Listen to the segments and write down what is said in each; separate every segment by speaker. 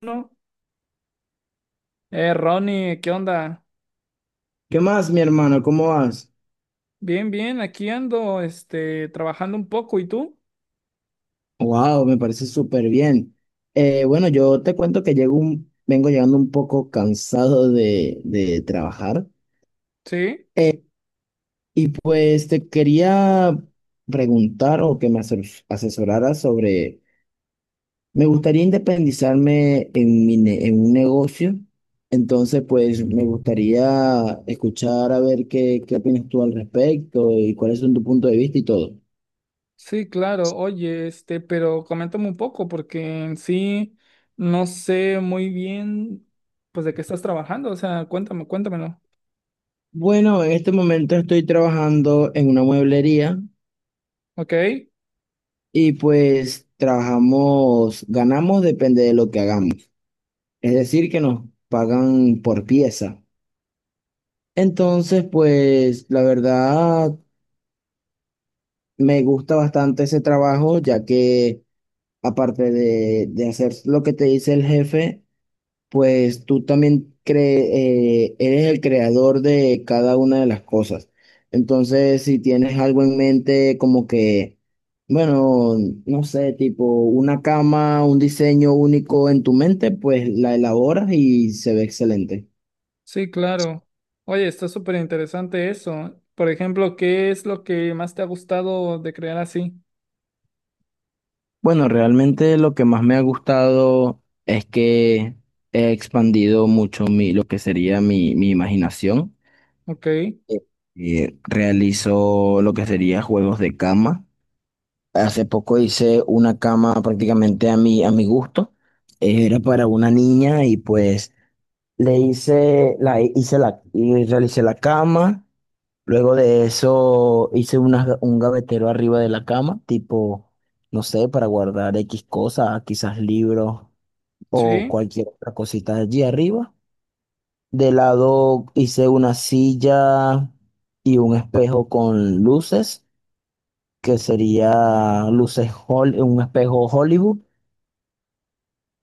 Speaker 1: No. Ronnie, ¿qué onda?
Speaker 2: ¿Qué más, mi hermano? ¿Cómo vas?
Speaker 1: Bien, bien, aquí ando, este, trabajando un poco, ¿y tú?
Speaker 2: Wow, me parece súper bien. Bueno, yo te cuento que vengo llegando un poco cansado de trabajar.
Speaker 1: Sí,
Speaker 2: Eh, y pues te quería preguntar o que me asesoraras sobre, me gustaría independizarme en, en un negocio. Entonces, pues me gustaría escuchar a ver qué opinas tú al respecto y cuáles son tu punto de vista y todo.
Speaker 1: sí, claro, oye, este, pero coméntame un poco, porque en sí no sé muy bien, pues, de qué estás trabajando, o sea, cuéntame, cuéntamelo,
Speaker 2: Bueno, en este momento estoy trabajando en una mueblería
Speaker 1: ¿ok?
Speaker 2: y pues trabajamos, ganamos depende de lo que hagamos. Es decir, que nos pagan por pieza. Entonces, pues la verdad me gusta bastante ese trabajo, ya que aparte de hacer lo que te dice el jefe, pues tú también eres el creador de cada una de las cosas. Entonces, si tienes algo en mente como que, bueno, no sé, tipo una cama, un diseño único en tu mente, pues la elaboras y se ve excelente.
Speaker 1: Sí, claro. Oye, está súper interesante eso. Por ejemplo, ¿qué es lo que más te ha gustado de crear así?
Speaker 2: Bueno, realmente lo que más me ha gustado es que he expandido mucho lo que sería mi imaginación.
Speaker 1: ¿Ok?
Speaker 2: Realizo lo que sería juegos de cama. Hace poco hice una cama prácticamente a a mi gusto. Era para una niña y pues le hice la, y realicé la cama. Luego de eso hice un gavetero arriba de la cama, tipo, no sé, para guardar X cosas, quizás libros o
Speaker 1: Sí,
Speaker 2: cualquier otra cosita allí arriba. De lado hice una silla y un espejo con luces que sería un espejo Hollywood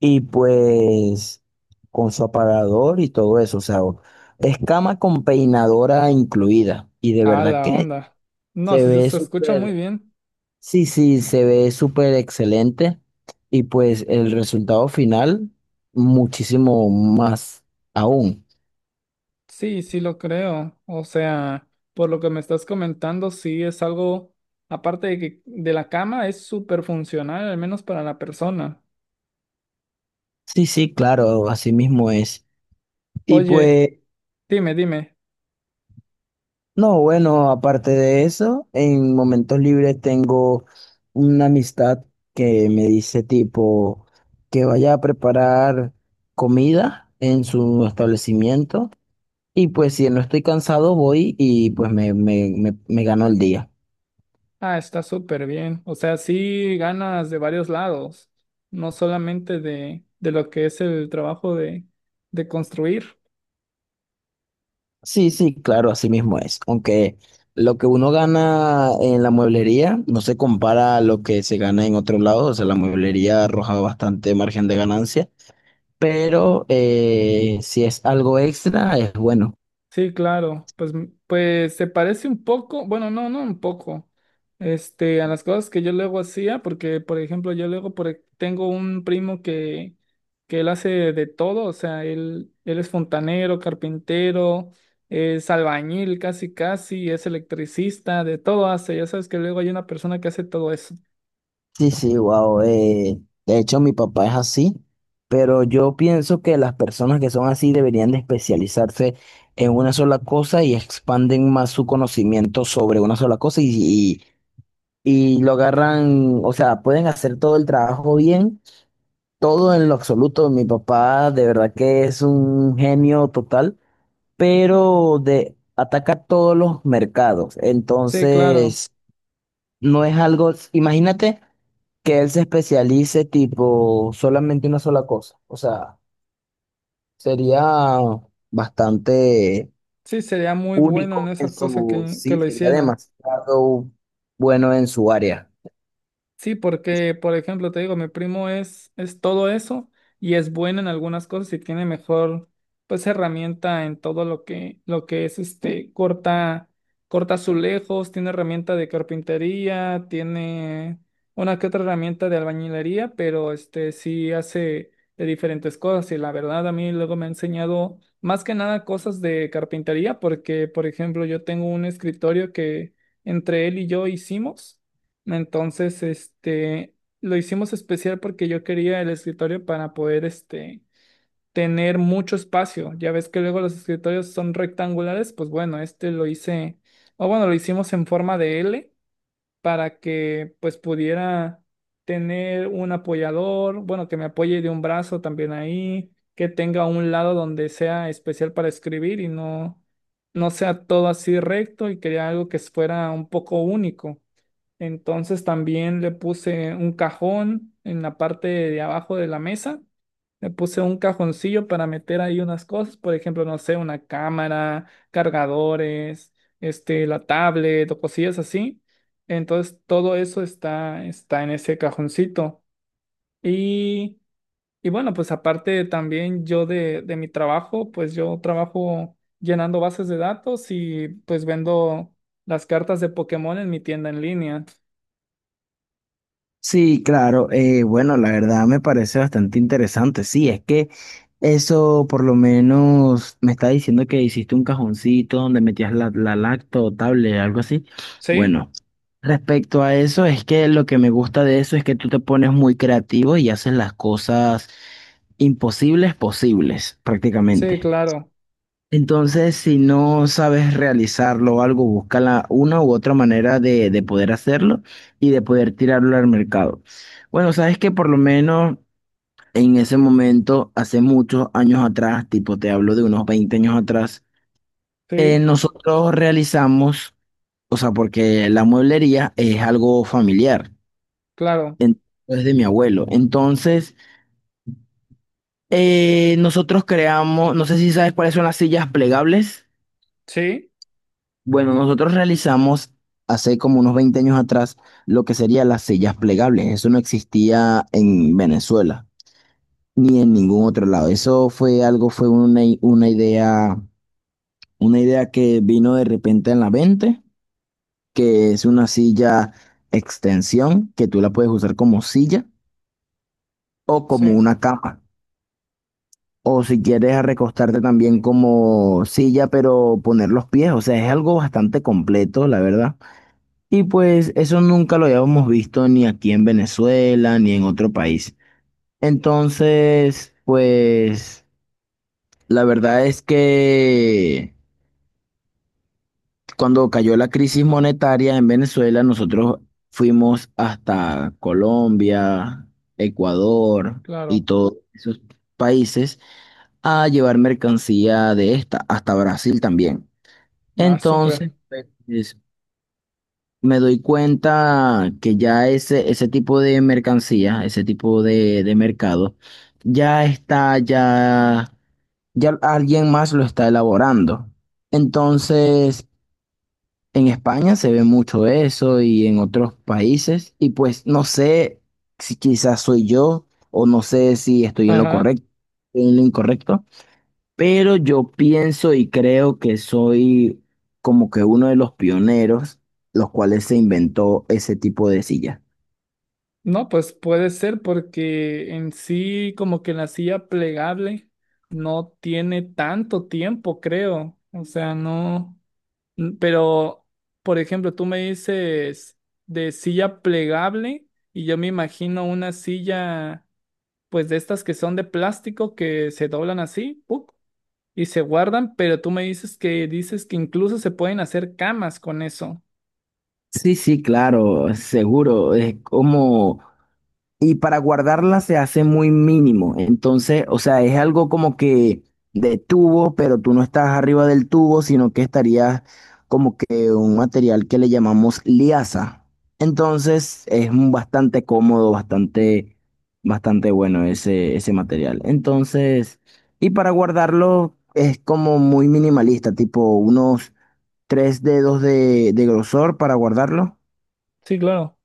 Speaker 2: y pues con su aparador y todo eso, o sea, es cama con peinadora incluida y de
Speaker 1: ah,
Speaker 2: verdad
Speaker 1: la
Speaker 2: que
Speaker 1: onda. No,
Speaker 2: se
Speaker 1: sí, se
Speaker 2: ve
Speaker 1: se escucha muy
Speaker 2: súper,
Speaker 1: bien.
Speaker 2: sí, sí, se ve súper excelente y pues el resultado final muchísimo más aún.
Speaker 1: Sí, sí lo creo. O sea, por lo que me estás comentando, sí es algo, aparte de que de la cama, es súper funcional, al menos para la persona.
Speaker 2: Sí, sí, claro, así mismo es. Y
Speaker 1: Oye,
Speaker 2: pues
Speaker 1: dime, dime.
Speaker 2: no, bueno, aparte de eso, en momentos libres tengo una amistad que me dice tipo que vaya a preparar comida en su establecimiento y pues si no estoy cansado voy y pues me gano el día.
Speaker 1: Ah, está súper bien. O sea, sí ganas de varios lados, no solamente de lo que es el trabajo de construir.
Speaker 2: Sí, sí, claro, así mismo es. Aunque lo que uno gana en la mueblería no se compara a lo que se gana en otro lado, o sea, la mueblería arroja bastante margen de ganancia, pero si es algo extra, es bueno.
Speaker 1: Sí, claro, pues, pues se parece un poco, bueno, no, no un poco, este, a las cosas que yo luego hacía, porque, por ejemplo, yo luego tengo un primo que él hace de todo, o sea, él es fontanero, carpintero, es albañil casi casi, es electricista, de todo hace, ya sabes que luego hay una persona que hace todo eso.
Speaker 2: Sí, sí, wow. De hecho, mi papá es así, pero yo pienso que las personas que son así deberían de especializarse en una sola cosa y expanden más su conocimiento sobre una sola cosa y lo agarran, o sea, pueden hacer todo el trabajo bien, todo en lo absoluto. Mi papá de verdad que es un genio total, pero ataca todos los mercados.
Speaker 1: Sí, claro,
Speaker 2: Entonces, no es algo, imagínate que él se especialice tipo solamente una sola cosa. O sea, sería bastante
Speaker 1: sí, sería muy bueno en
Speaker 2: único en
Speaker 1: esa cosa que
Speaker 2: sí,
Speaker 1: lo
Speaker 2: sería
Speaker 1: hiciera.
Speaker 2: demasiado bueno en su área.
Speaker 1: Sí, porque, por ejemplo, te digo, mi primo es todo eso y es bueno en algunas cosas y tiene mejor, pues, herramienta en todo lo que es, este, corta, corta azulejos, tiene herramienta de carpintería, tiene una que otra herramienta de albañilería, pero, este, sí hace de diferentes cosas y la verdad a mí luego me ha enseñado más que nada cosas de carpintería porque, por ejemplo, yo tengo un escritorio que entre él y yo hicimos. Entonces, este, lo hicimos especial porque yo quería el escritorio para poder, este, tener mucho espacio. Ya ves que luego los escritorios son rectangulares, pues bueno, este lo hice, o bueno, lo hicimos en forma de L para que pues pudiera tener un apoyador, bueno, que me apoye de un brazo también ahí, que tenga un lado donde sea especial para escribir y no, no sea todo así recto y quería algo que fuera un poco único. Entonces también le puse un cajón en la parte de abajo de la mesa. Le puse un cajoncillo para meter ahí unas cosas, por ejemplo, no sé, una cámara, cargadores, este, la tablet o cosillas así. Entonces todo eso está, está en ese cajoncito. Y, y bueno, pues aparte también yo de mi trabajo, pues yo trabajo llenando bases de datos y pues vendo las cartas de Pokémon en mi tienda en línea.
Speaker 2: Sí, claro. Bueno, la verdad me parece bastante interesante. Sí, es que eso por lo menos me está diciendo que hiciste un cajoncito donde metías la lacto, tablet, algo así.
Speaker 1: ¿Sí?
Speaker 2: Bueno, respecto a eso, es que lo que me gusta de eso es que tú te pones muy creativo y haces las cosas imposibles posibles,
Speaker 1: Sí,
Speaker 2: prácticamente.
Speaker 1: claro,
Speaker 2: Entonces, si no sabes realizarlo o algo, una u otra manera de poder hacerlo y de poder tirarlo al mercado. Bueno, sabes que por lo menos en ese momento, hace muchos años atrás, tipo te hablo de unos 20 años atrás,
Speaker 1: sí,
Speaker 2: nosotros realizamos, o sea, porque la mueblería es algo familiar,
Speaker 1: claro,
Speaker 2: en- es de mi abuelo. Entonces, nosotros creamos, no sé si sabes cuáles son las sillas plegables.
Speaker 1: sí,
Speaker 2: Bueno, nosotros realizamos hace como unos 20 años atrás lo que serían las sillas plegables. Eso no existía en Venezuela ni en ningún otro lado. Eso fue algo, una idea que vino de repente en la mente, que es una silla extensión que tú la puedes usar como silla o como
Speaker 1: sí,
Speaker 2: una cama. O si quieres recostarte también como silla, pero poner los pies. O sea, es algo bastante completo, la verdad. Y pues eso nunca lo habíamos visto ni aquí en Venezuela ni en otro país. Entonces, pues la verdad es que cuando cayó la crisis monetaria en Venezuela, nosotros fuimos hasta Colombia, Ecuador y
Speaker 1: claro.
Speaker 2: todos esos países a llevar mercancía de esta, hasta Brasil también.
Speaker 1: Ah,
Speaker 2: Entonces,
Speaker 1: súper.
Speaker 2: pues, me doy cuenta que ya ese tipo de mercancía, ese tipo de mercado, ya ya alguien más lo está elaborando. Entonces, en España se ve mucho eso y en otros países, y pues no sé si quizás soy yo o no sé si estoy en lo
Speaker 1: Ajá.
Speaker 2: correcto, en lo incorrecto. Pero yo pienso y creo que soy como que uno de los pioneros, los cuales se inventó ese tipo de silla.
Speaker 1: No, pues puede ser porque en sí como que la silla plegable no tiene tanto tiempo, creo. O sea, no. Pero, por ejemplo, tú me dices de silla plegable y yo me imagino una silla, pues de estas que son de plástico que se doblan así, ¡puc! Y se guardan, pero tú me dices que incluso se pueden hacer camas con eso.
Speaker 2: Sí, sí, claro, seguro. Es como y para guardarla se hace muy mínimo. Entonces, o sea, es algo como que de tubo, pero tú no estás arriba del tubo, sino que estarías como que un material que le llamamos liaza. Entonces, es un bastante cómodo, bastante, bastante bueno ese material. Entonces, y para guardarlo es como muy minimalista, tipo unos tres dedos de grosor para guardarlo.
Speaker 1: Sí, claro.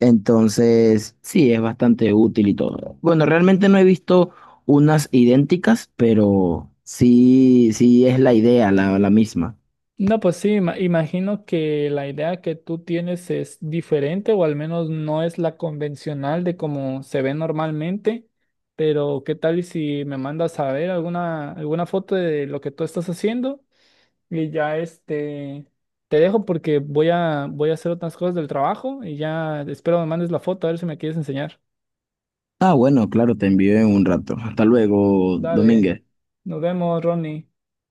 Speaker 2: Entonces, sí, es bastante útil y todo. Bueno, realmente no he visto unas idénticas, pero sí, sí es la idea, la misma.
Speaker 1: No, pues sí, imagino que la idea que tú tienes es diferente o al menos no es la convencional de cómo se ve normalmente, pero ¿qué tal y si me mandas a ver alguna, alguna foto de lo que tú estás haciendo? Y ya este, te dejo porque voy a, voy a hacer otras cosas del trabajo y ya espero me mandes la foto a ver si me quieres enseñar.
Speaker 2: Ah, bueno, claro, te envío en un rato. Hasta luego,
Speaker 1: Dale,
Speaker 2: Domínguez.
Speaker 1: nos vemos, Ronnie.